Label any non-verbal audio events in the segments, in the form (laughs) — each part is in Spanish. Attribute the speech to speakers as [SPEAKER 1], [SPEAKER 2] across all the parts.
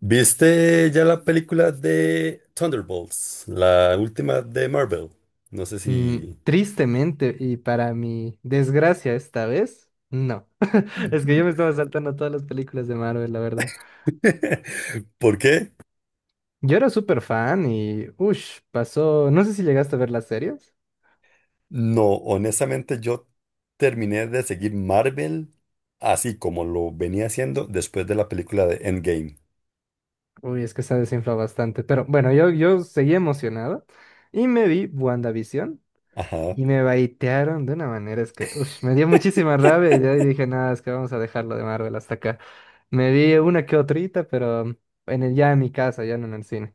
[SPEAKER 1] ¿Viste ya la película de Thunderbolts, la última de Marvel? No sé si...
[SPEAKER 2] Tristemente, y para mi desgracia esta vez, no. (laughs) Es que yo me
[SPEAKER 1] (laughs)
[SPEAKER 2] estaba saltando todas las películas de Marvel, la verdad.
[SPEAKER 1] ¿Por qué?
[SPEAKER 2] Yo era súper fan y, uff, pasó. No sé si llegaste a ver las series.
[SPEAKER 1] No, honestamente yo terminé de seguir Marvel así como lo venía haciendo después de la película de Endgame.
[SPEAKER 2] Uy, es que se ha desinflado bastante. Pero bueno, yo seguí emocionado y me vi WandaVision.
[SPEAKER 1] Ajá.
[SPEAKER 2] Y me baitearon de una manera, es que ush, me dio muchísima rabia y de ahí dije, nada, es que vamos a dejarlo de Marvel hasta acá. Me vi una que otrita, pero en ya en mi casa, ya no en el cine.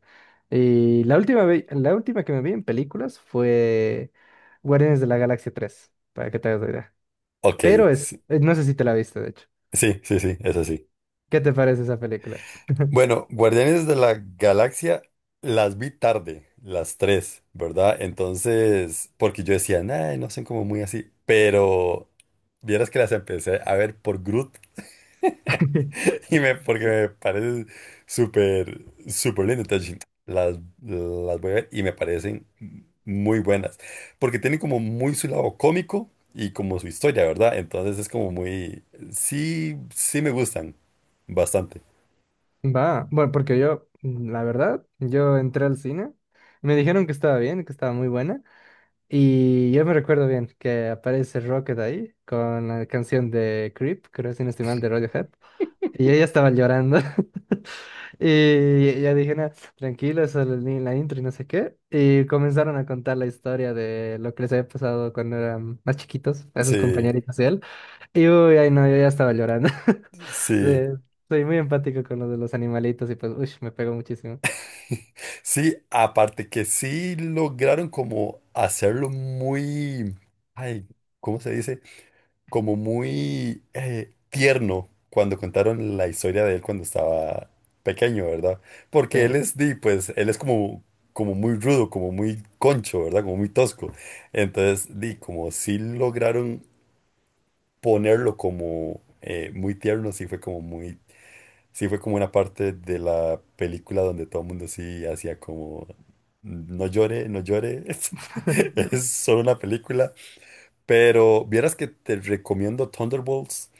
[SPEAKER 2] Y la última, la última que me vi en películas fue Guardianes de la Galaxia 3 para que te hagas la idea.
[SPEAKER 1] Ok,
[SPEAKER 2] Pero es,
[SPEAKER 1] sí,
[SPEAKER 2] no sé si te la viste, de hecho.
[SPEAKER 1] sí, sí, sí, es así.
[SPEAKER 2] ¿Qué te parece esa película?
[SPEAKER 1] Bueno, Guardianes de la Galaxia las vi tarde, las tres, ¿verdad? Entonces, porque yo decía, "Nah, no son como muy así, pero vieras que las empecé a ver por Groot
[SPEAKER 2] (laughs)
[SPEAKER 1] (laughs) porque me parece súper, súper lindo. Entonces, dije, las voy a ver y me parecen muy buenas, porque tienen como muy su lado cómico y como su historia, ¿verdad? Entonces es como muy, sí, sí me gustan bastante.
[SPEAKER 2] Va, bueno, porque yo, la verdad, yo entré al cine, me dijeron que estaba bien, que estaba muy buena. Y yo me recuerdo bien que aparece Rocket ahí con la canción de Creep, creo si no estoy mal, de Radiohead. Y yo ya estaba llorando. (laughs) Y ya dije, no, tranquilo, solo el la intro y no sé qué. Y comenzaron a contar la historia de lo que les había pasado cuando eran más chiquitos, a sus
[SPEAKER 1] Sí,
[SPEAKER 2] compañeritos y él. Y uy, ay no, yo ya estaba llorando. (laughs) Sí,
[SPEAKER 1] sí.
[SPEAKER 2] soy muy empático con lo de los animalitos y pues, uy, me pegó muchísimo.
[SPEAKER 1] Sí, aparte que sí lograron como hacerlo muy, ay, ¿cómo se dice? Como muy tierno cuando contaron la historia de él cuando estaba pequeño, ¿verdad?
[SPEAKER 2] Sí.
[SPEAKER 1] Porque él es, di, pues, él es como, como muy rudo, como muy concho, ¿verdad? Como muy tosco. Entonces, di, como sí lograron ponerlo como muy tierno, sí fue como muy. Sí, fue como una parte de la película donde todo el mundo sí hacía como, no llore, no llore, (laughs)
[SPEAKER 2] (laughs)
[SPEAKER 1] es solo una película, pero vieras que te recomiendo Thunderbolts,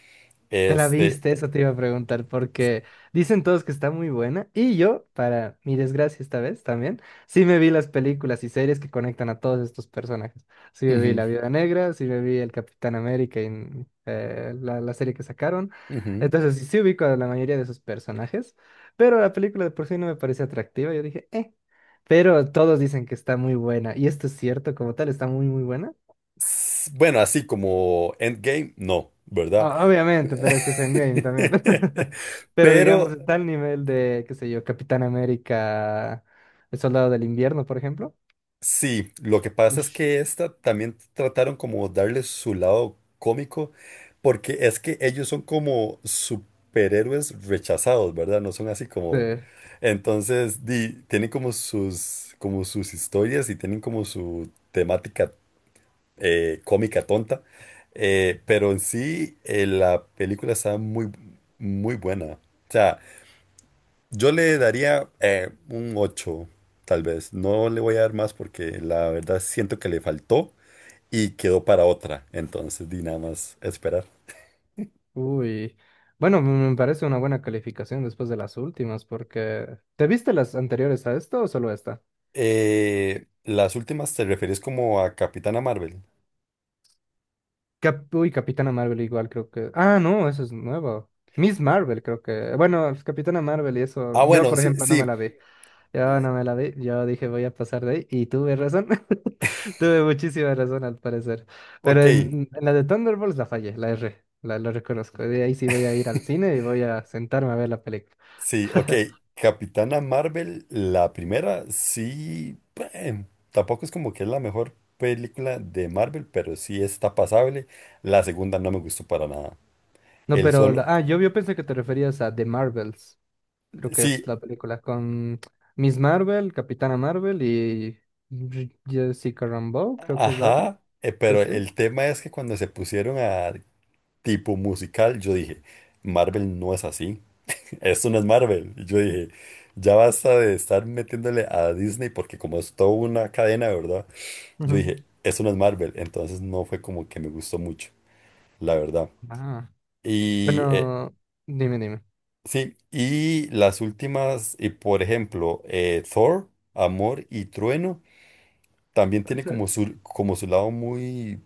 [SPEAKER 2] ¿Te la
[SPEAKER 1] este,
[SPEAKER 2] viste? Eso te iba a preguntar porque dicen todos que está muy buena y yo, para mi desgracia esta vez también, sí me vi las películas y series que conectan a todos estos personajes. Sí me vi
[SPEAKER 1] ujú,
[SPEAKER 2] La Viuda Negra, sí me vi El Capitán América en la serie que sacaron.
[SPEAKER 1] ujú.
[SPEAKER 2] Entonces sí, sí ubico a la mayoría de esos personajes, pero la película de por sí no me parece atractiva. Yo dije, pero todos dicen que está muy buena y esto es cierto, como tal, está muy, muy buena.
[SPEAKER 1] Bueno, así como Endgame, no, ¿verdad?
[SPEAKER 2] Obviamente, pero es que es Endgame también. (laughs)
[SPEAKER 1] (laughs)
[SPEAKER 2] Pero digamos,
[SPEAKER 1] Pero
[SPEAKER 2] está al nivel de, qué sé yo, Capitán América, El Soldado del Invierno, por ejemplo.
[SPEAKER 1] sí, lo que pasa es
[SPEAKER 2] Ush.
[SPEAKER 1] que esta también trataron como darle su lado cómico, porque es que ellos son como superhéroes rechazados, ¿verdad? No son así
[SPEAKER 2] Sí.
[SPEAKER 1] como... Entonces, tienen como sus historias y tienen como su temática cómica tonta, pero en sí la película está muy, muy buena. O sea, yo le daría un 8, tal vez. No le voy a dar más porque la verdad siento que le faltó y quedó para otra. Entonces, di nada más esperar.
[SPEAKER 2] Uy. Bueno, me parece una buena calificación después de las últimas, porque... ¿Te viste las anteriores a esto o solo esta?
[SPEAKER 1] Las últimas te refieres como a Capitana Marvel.
[SPEAKER 2] Uy, Capitana Marvel igual creo que... Ah, no, eso es nuevo. Miss Marvel creo que... Bueno, Capitana Marvel y eso,
[SPEAKER 1] Ah,
[SPEAKER 2] yo
[SPEAKER 1] bueno,
[SPEAKER 2] por
[SPEAKER 1] sí,
[SPEAKER 2] ejemplo no me
[SPEAKER 1] sí.
[SPEAKER 2] la vi. Yo
[SPEAKER 1] Le-
[SPEAKER 2] no me la vi, yo dije voy a pasar de ahí y tuve razón, (laughs) tuve muchísima razón al parecer, pero
[SPEAKER 1] Ok,
[SPEAKER 2] en la de Thunderbolts la fallé, la R, la, lo reconozco, de ahí sí voy a ir al
[SPEAKER 1] (laughs)
[SPEAKER 2] cine y voy a sentarme a ver la película.
[SPEAKER 1] sí, ok. Capitana Marvel, la primera, sí. eh, Tampoco es como que es la mejor película de Marvel, pero sí está pasable. La segunda no me gustó para nada.
[SPEAKER 2] No,
[SPEAKER 1] El
[SPEAKER 2] pero,
[SPEAKER 1] solo.
[SPEAKER 2] ah, yo pensé que te referías a The Marvels, creo que es
[SPEAKER 1] Sí,
[SPEAKER 2] la película con Miss Marvel, Capitana Marvel y Jessica Rambeau, creo que es la otra,
[SPEAKER 1] Ajá,
[SPEAKER 2] sí,
[SPEAKER 1] pero
[SPEAKER 2] sí.
[SPEAKER 1] el tema es que cuando se pusieron a tipo musical, yo dije, Marvel no es así, (laughs) esto no es Marvel. Y yo dije, ya basta de estar metiéndole a Disney porque como es toda una cadena, ¿verdad? Yo
[SPEAKER 2] Ujú.
[SPEAKER 1] dije, esto no es Marvel, entonces no fue como que me gustó mucho, la verdad.
[SPEAKER 2] Ah,
[SPEAKER 1] Y
[SPEAKER 2] bueno, dime, dime.
[SPEAKER 1] sí, y las últimas, y por ejemplo, Thor, Amor y Trueno, también tiene
[SPEAKER 2] (laughs)
[SPEAKER 1] como su lado muy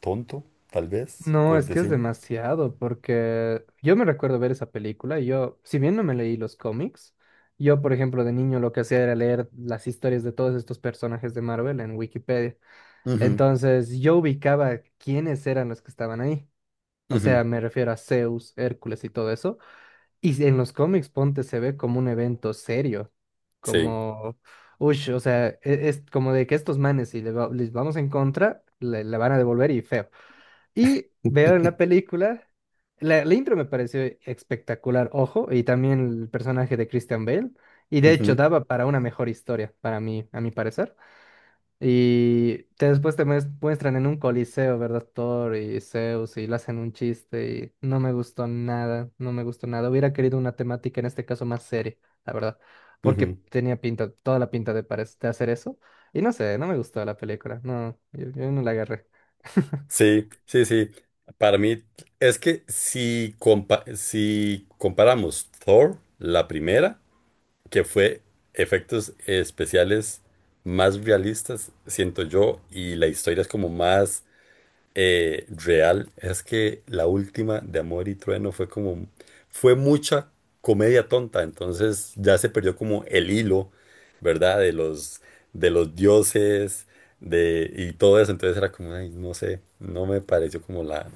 [SPEAKER 1] tonto, tal vez,
[SPEAKER 2] No,
[SPEAKER 1] por
[SPEAKER 2] es que es
[SPEAKER 1] decirlo.
[SPEAKER 2] demasiado, porque yo me recuerdo ver esa película y yo, si bien no me leí los cómics, yo, por ejemplo, de niño lo que hacía era leer las historias de todos estos personajes de Marvel en Wikipedia.
[SPEAKER 1] Ujú,
[SPEAKER 2] Entonces, yo ubicaba quiénes eran los que estaban ahí. O
[SPEAKER 1] ujú,
[SPEAKER 2] sea, me refiero a Zeus, Hércules y todo eso. Y si en los cómics, ponte, se ve como un evento serio,
[SPEAKER 1] Sí.
[SPEAKER 2] como, ush, o sea, es, como de que estos manes, si les vamos en contra, le van a devolver y feo. Y veo en la
[SPEAKER 1] (laughs)
[SPEAKER 2] película, la intro me pareció espectacular, ojo, y también el personaje de Christian Bale, y de hecho
[SPEAKER 1] Ujú,
[SPEAKER 2] daba para una mejor historia, para mí, a mi parecer. Y después te muestran en un coliseo, ¿verdad? Thor y Zeus, y le hacen un chiste, y no me gustó nada, no me gustó nada. Hubiera querido una temática, en este caso, más seria, la verdad, porque
[SPEAKER 1] ujú.
[SPEAKER 2] tenía pinta, toda la pinta de, de hacer eso, y no sé, no me gustó la película, no, yo no la agarré. (laughs)
[SPEAKER 1] Sí, sí, sí. Para mí es que si comparamos Thor, la primera, que fue efectos especiales más realistas, siento yo, y la historia es como más. Real, es que la última de Amor y Trueno fue como, fue mucha comedia tonta, entonces ya se perdió como el hilo, ¿verdad? De los dioses, y todo eso, entonces era como, "Ay, no sé, no me pareció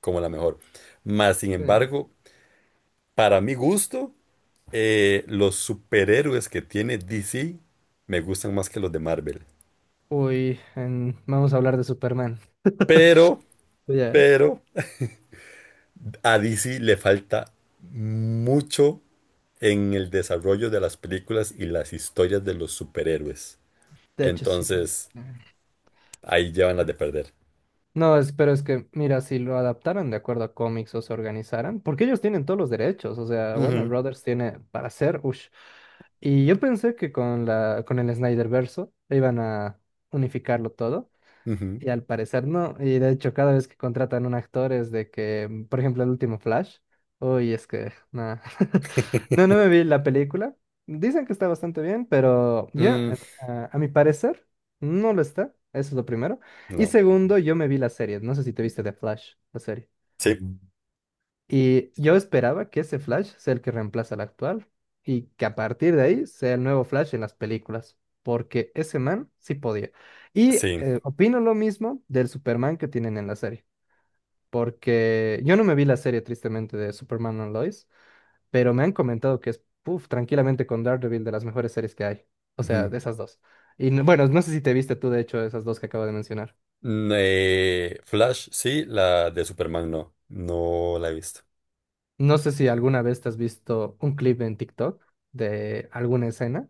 [SPEAKER 1] como la mejor. Más sin embargo, para mi gusto, los superhéroes que tiene DC me gustan más que los de Marvel.
[SPEAKER 2] Uy, vamos a hablar de Superman.
[SPEAKER 1] Pero,
[SPEAKER 2] Ya,
[SPEAKER 1] pero, a DC le falta mucho en el desarrollo de las películas y las historias de los superhéroes.
[SPEAKER 2] de hecho sí.
[SPEAKER 1] Entonces, ahí llevan las de perder.
[SPEAKER 2] No, pero es que, mira, si lo adaptaran de acuerdo a cómics o se organizaran, porque ellos tienen todos los derechos, o sea, Warner
[SPEAKER 1] Ujú,
[SPEAKER 2] Brothers tiene para hacer, ush. Y yo pensé que con con el Snyder verso iban a unificarlo todo.
[SPEAKER 1] ujú.
[SPEAKER 2] Y al parecer no. Y de hecho, cada vez que contratan un actor es de que, mm, por ejemplo, el último Flash. Uy, es que, nada. (laughs) No, no me vi
[SPEAKER 1] (laughs)
[SPEAKER 2] la película. Dicen que está bastante bien, pero yo,
[SPEAKER 1] Mm,
[SPEAKER 2] a mi parecer, no lo está. Eso es lo primero. Y
[SPEAKER 1] no.
[SPEAKER 2] segundo, yo me vi la serie. No sé si te viste The Flash, la serie.
[SPEAKER 1] Sí,
[SPEAKER 2] Y yo esperaba que ese Flash sea el que reemplaza al actual y que a partir de ahí sea el nuevo Flash en las películas, porque ese man sí podía. Y
[SPEAKER 1] sí.
[SPEAKER 2] opino lo mismo del Superman que tienen en la serie, porque yo no me vi la serie tristemente de Superman and Lois, pero me han comentado que es, puf, tranquilamente con Daredevil de las mejores series que hay, o sea,
[SPEAKER 1] Ujú.
[SPEAKER 2] de esas dos. Y bueno, no sé si te viste tú de hecho esas dos que acabo de mencionar.
[SPEAKER 1] Mm, Flash, sí, la de Superman, no. No la he visto.
[SPEAKER 2] No sé si alguna vez te has visto un clip en TikTok de alguna escena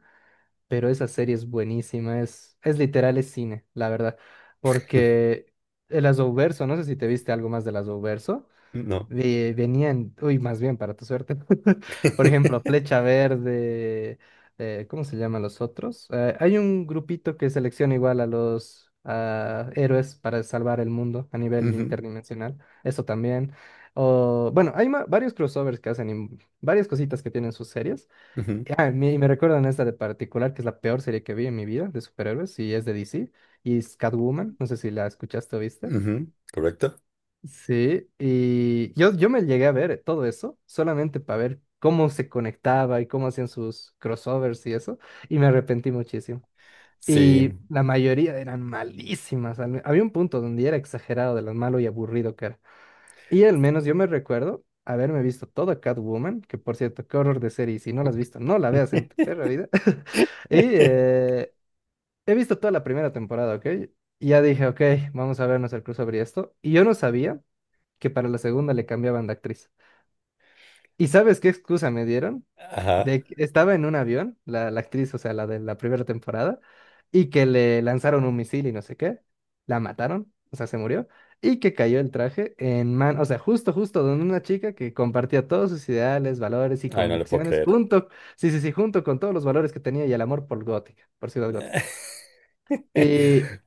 [SPEAKER 2] pero esa serie es buenísima, es literal, es cine, la verdad,
[SPEAKER 1] (laughs)
[SPEAKER 2] porque el Azowverso, no sé si te viste algo más del Azowverso,
[SPEAKER 1] No.
[SPEAKER 2] venían, uy, más bien para tu suerte, (laughs) por ejemplo,
[SPEAKER 1] (laughs)
[SPEAKER 2] Flecha Verde, ¿cómo se llaman los otros? Hay un grupito que selecciona igual a los ah, héroes para salvar el mundo a nivel
[SPEAKER 1] Ujú,
[SPEAKER 2] interdimensional, eso también, o, bueno, hay varios crossovers que hacen, y varias cositas que tienen sus series.
[SPEAKER 1] ujú,
[SPEAKER 2] Ah, y me recuerdan esta de particular, que es la peor serie que vi en mi vida de superhéroes, y es de DC, y es Catwoman, no sé si la escuchaste o viste.
[SPEAKER 1] ujú. ¿Correcto?
[SPEAKER 2] Sí, y yo me llegué a ver todo eso solamente para ver cómo se conectaba y cómo hacían sus crossovers y eso, y me arrepentí muchísimo.
[SPEAKER 1] Sí.
[SPEAKER 2] Y la mayoría eran malísimas, había un punto donde era exagerado de lo malo y aburrido que era. Y al menos yo me recuerdo haberme visto toda Catwoman, que por cierto, qué horror de serie, y si no la has visto, no la veas en tu perra vida. (laughs) Y he visto toda la primera temporada, ¿ok? Y ya dije, ok, vamos a vernos el crossover y esto. Y yo no sabía que para la segunda le cambiaban de actriz. ¿Y sabes qué excusa me dieron?
[SPEAKER 1] Ajá.
[SPEAKER 2] De que estaba en un avión, la actriz, o sea, la de la primera temporada, y que le lanzaron un misil y no sé qué, la mataron, o sea, se murió, y que cayó el traje en man, o sea, justo, justo donde una chica que compartía todos sus ideales, valores y
[SPEAKER 1] Ay, no le puedo
[SPEAKER 2] convicciones,
[SPEAKER 1] creer.
[SPEAKER 2] junto, sí, sí, sí, junto con todos los valores que tenía y el amor por Gótica, por Ciudad Gótica. Y
[SPEAKER 1] (laughs)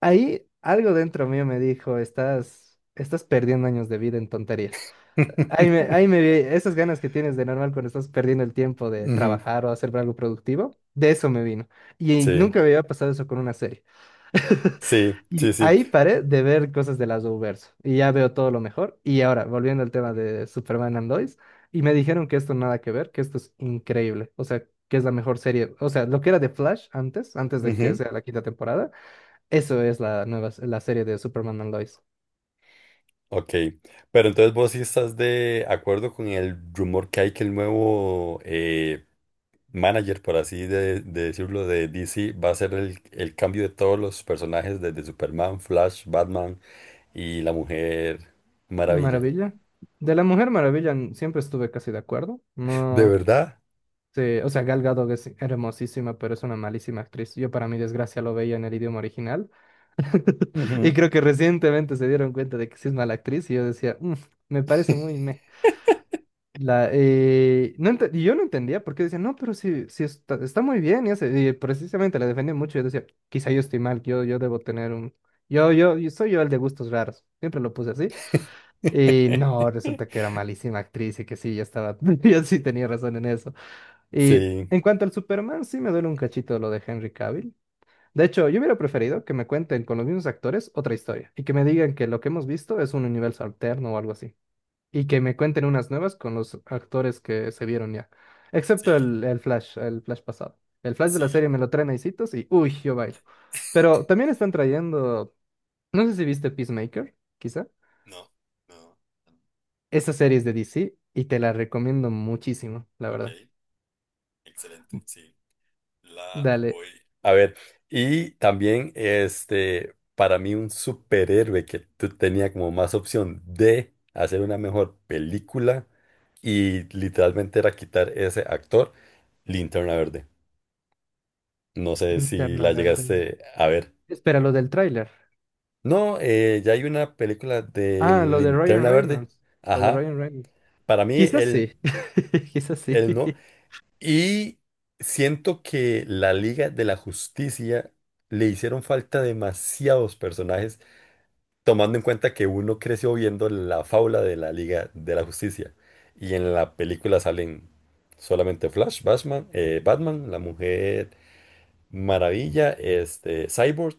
[SPEAKER 2] ahí algo dentro mío me dijo, estás, estás perdiendo años de vida en tonterías. Ahí me vi esas ganas que tienes de normal cuando estás perdiendo el tiempo de
[SPEAKER 1] Ujú,
[SPEAKER 2] trabajar o hacer algo productivo, de eso me vino. Y
[SPEAKER 1] Sí,
[SPEAKER 2] nunca me había pasado eso con una serie.
[SPEAKER 1] sí, sí,
[SPEAKER 2] Y
[SPEAKER 1] sí.
[SPEAKER 2] ahí paré de ver cosas de las Arrowverse y ya veo todo lo mejor. Y ahora, volviendo al tema de Superman and Lois, y me dijeron que esto nada que ver, que esto es increíble. O sea, que es la mejor serie. O sea, lo que era de Flash antes, antes de que
[SPEAKER 1] Ujú.
[SPEAKER 2] sea la quinta temporada, eso es la nueva, la serie de Superman and Lois.
[SPEAKER 1] Ok, pero entonces vos sí estás de acuerdo con el rumor que hay que el nuevo manager, por así de decirlo, de DC va a ser el cambio de todos los personajes desde Superman, Flash, Batman y la Mujer Maravilla.
[SPEAKER 2] Maravilla. De la Mujer Maravilla siempre estuve casi de acuerdo.
[SPEAKER 1] (laughs) ¿De
[SPEAKER 2] No.
[SPEAKER 1] verdad?
[SPEAKER 2] Sí, o sea, Gal Gadot es hermosísima, pero es una malísima actriz. Yo, para mi desgracia, lo veía en el idioma original. (laughs) Y
[SPEAKER 1] Ujú.
[SPEAKER 2] creo que recientemente se dieron cuenta de que sí es mala actriz. Y yo decía, "Mm, me parece muy meh". No y yo no entendía por qué decía, no, pero sí, sí está, está muy bien. Y, y precisamente la defendía mucho. Yo decía, quizá yo estoy mal, yo debo tener un. Yo soy yo el de gustos raros. Siempre lo puse así. Y no, resulta que era
[SPEAKER 1] (laughs)
[SPEAKER 2] malísima actriz y que sí, ya estaba. (laughs) Yo sí tenía razón en eso. Y
[SPEAKER 1] Sí.
[SPEAKER 2] en cuanto al Superman, sí me duele un cachito lo de Henry Cavill. De hecho, yo hubiera preferido que me cuenten con los mismos actores otra historia y que me digan que lo que hemos visto es un universo alterno o algo así. Y que me cuenten unas nuevas con los actores que se vieron ya.
[SPEAKER 1] Sí,
[SPEAKER 2] Excepto el Flash pasado. El Flash de
[SPEAKER 1] sí.
[SPEAKER 2] la serie me lo traen a y uy, yo bailo. Pero
[SPEAKER 1] (laughs)
[SPEAKER 2] también están trayendo, no sé si viste Peacemaker, quizá.
[SPEAKER 1] No, no.
[SPEAKER 2] Esa serie es de DC y te la recomiendo muchísimo, la
[SPEAKER 1] Ok,
[SPEAKER 2] verdad.
[SPEAKER 1] excelente, sí. La
[SPEAKER 2] Dale,
[SPEAKER 1] voy. A ver, y también este, para mí un superhéroe que tú tenía como más opción de hacer una mejor película y literalmente era quitar ese actor, Linterna Verde. No sé si
[SPEAKER 2] Interna
[SPEAKER 1] la
[SPEAKER 2] Verde.
[SPEAKER 1] llegaste a ver.
[SPEAKER 2] Espera, lo del tráiler.
[SPEAKER 1] No, ya hay una película de
[SPEAKER 2] Ah, lo de Ryan
[SPEAKER 1] Linterna Verde.
[SPEAKER 2] Reynolds. Lo de
[SPEAKER 1] Ajá.
[SPEAKER 2] Ryan Reynolds.
[SPEAKER 1] Para mí,
[SPEAKER 2] Quizás sí.
[SPEAKER 1] él,
[SPEAKER 2] (laughs) Quizás sí.
[SPEAKER 1] él no. Y siento que la Liga de la Justicia le hicieron falta demasiados personajes, tomando en cuenta que uno creció viendo la fábula de la Liga de la Justicia. Y en la película salen solamente Flash, Batman, la Mujer Maravilla, este, Cyborg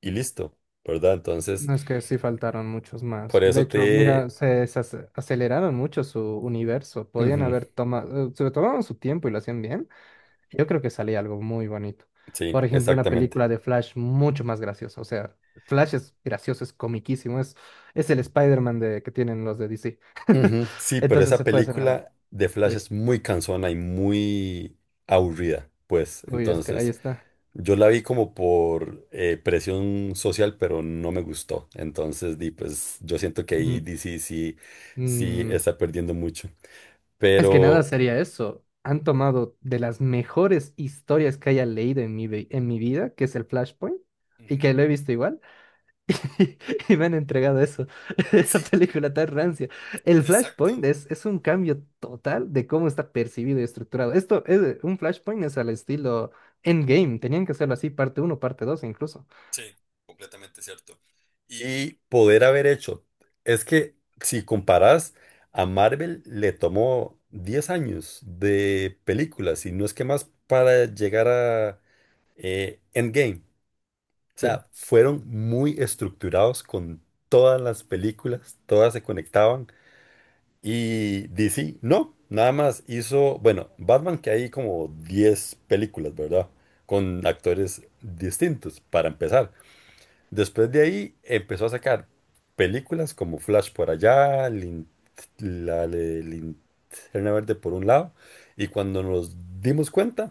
[SPEAKER 1] y listo, ¿verdad? Entonces,
[SPEAKER 2] No es que sí faltaron muchos más.
[SPEAKER 1] por
[SPEAKER 2] De
[SPEAKER 1] eso
[SPEAKER 2] hecho, mira,
[SPEAKER 1] te...
[SPEAKER 2] se aceleraron mucho su universo. Podían
[SPEAKER 1] Ujú,
[SPEAKER 2] haber tomado, se tomaban su tiempo y lo hacían bien. Yo creo que salía algo muy bonito.
[SPEAKER 1] sí,
[SPEAKER 2] Por ejemplo, una
[SPEAKER 1] exactamente.
[SPEAKER 2] película de Flash mucho más graciosa. O sea, Flash es gracioso, es comiquísimo. Es el Spider-Man de, que tienen los de DC. (laughs)
[SPEAKER 1] Ujú, Sí, pero
[SPEAKER 2] Entonces
[SPEAKER 1] esa
[SPEAKER 2] se puede hacer una buena.
[SPEAKER 1] película de Flash
[SPEAKER 2] Uy,
[SPEAKER 1] es muy cansona y muy aburrida, pues.
[SPEAKER 2] es que ahí
[SPEAKER 1] Entonces,
[SPEAKER 2] está.
[SPEAKER 1] yo la vi como por presión social, pero no me gustó. Entonces, di, pues, yo siento que ahí DC sí, sí
[SPEAKER 2] Mm,
[SPEAKER 1] está perdiendo mucho.
[SPEAKER 2] es que nada
[SPEAKER 1] Pero...
[SPEAKER 2] sería eso. Han tomado de las mejores historias que haya leído en mi, en mi vida, que es el Flashpoint, y
[SPEAKER 1] Ujú.
[SPEAKER 2] que lo he visto igual, (laughs) y, y me han entregado eso, (laughs) esa
[SPEAKER 1] Sí,
[SPEAKER 2] película tan rancia. El Flashpoint
[SPEAKER 1] exacto.
[SPEAKER 2] es un cambio total de cómo está percibido y estructurado. Esto es un Flashpoint es al estilo Endgame, tenían que hacerlo así, parte uno parte 2 incluso.
[SPEAKER 1] Sí, completamente cierto. Y poder haber hecho. Es que si comparas a Marvel, le tomó 10 años de películas y no es que más para llegar a Endgame. O
[SPEAKER 2] Sí.
[SPEAKER 1] sea, fueron muy estructurados con todas las películas, todas se conectaban y DC, no, nada más hizo, bueno, Batman que hay como 10 películas, ¿verdad? Con actores distintos, para empezar. Después de ahí empezó a sacar películas como Flash por allá, la de Linterna Verde por un lado, y cuando nos dimos cuenta,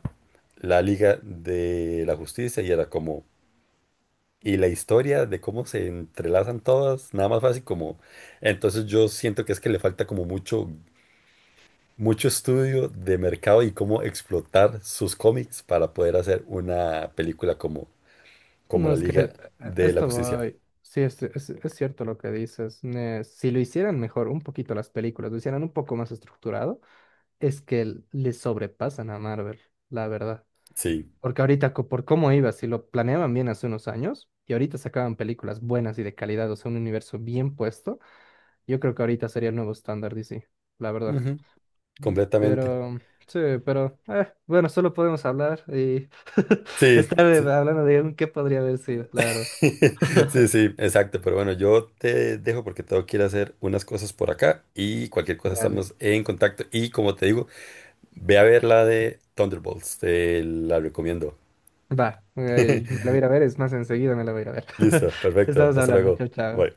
[SPEAKER 1] la Liga de la Justicia y era como, y la historia de cómo se entrelazan todas, nada más fácil como, entonces yo siento que es que le falta como mucho, mucho estudio de mercado y cómo explotar sus cómics para poder hacer una película como,
[SPEAKER 2] No,
[SPEAKER 1] la
[SPEAKER 2] es que
[SPEAKER 1] Liga
[SPEAKER 2] a
[SPEAKER 1] de la
[SPEAKER 2] esto
[SPEAKER 1] Justicia.
[SPEAKER 2] voy. Sí, es cierto lo que dices. Ne- Si lo hicieran mejor un poquito las películas, lo hicieran un poco más estructurado, es que le sobrepasan a Marvel, la verdad.
[SPEAKER 1] Sí.
[SPEAKER 2] Porque ahorita, por cómo iba, si lo planeaban bien hace unos años y ahorita sacaban películas buenas y de calidad, o sea, un universo bien puesto, yo creo que ahorita sería el nuevo estándar DC, la verdad.
[SPEAKER 1] Completamente.
[SPEAKER 2] Pero, sí, pero, bueno, solo podemos hablar y (laughs)
[SPEAKER 1] Sí,
[SPEAKER 2] estar
[SPEAKER 1] sí.
[SPEAKER 2] hablando de un qué podría haber sido, la verdad.
[SPEAKER 1] (laughs) Sí, sí, exacto. Pero bueno, yo te dejo porque tengo que ir a hacer unas cosas por acá y cualquier cosa
[SPEAKER 2] Dale.
[SPEAKER 1] estamos en contacto. Y como te digo, ve a ver la de Thunderbolts. Te la recomiendo.
[SPEAKER 2] Va, me la voy a ir a ver, es más, enseguida me la voy a ir a ver. (laughs)
[SPEAKER 1] Listo, perfecto.
[SPEAKER 2] Estamos
[SPEAKER 1] Hasta
[SPEAKER 2] hablando,
[SPEAKER 1] luego.
[SPEAKER 2] chao, chao.
[SPEAKER 1] Bye.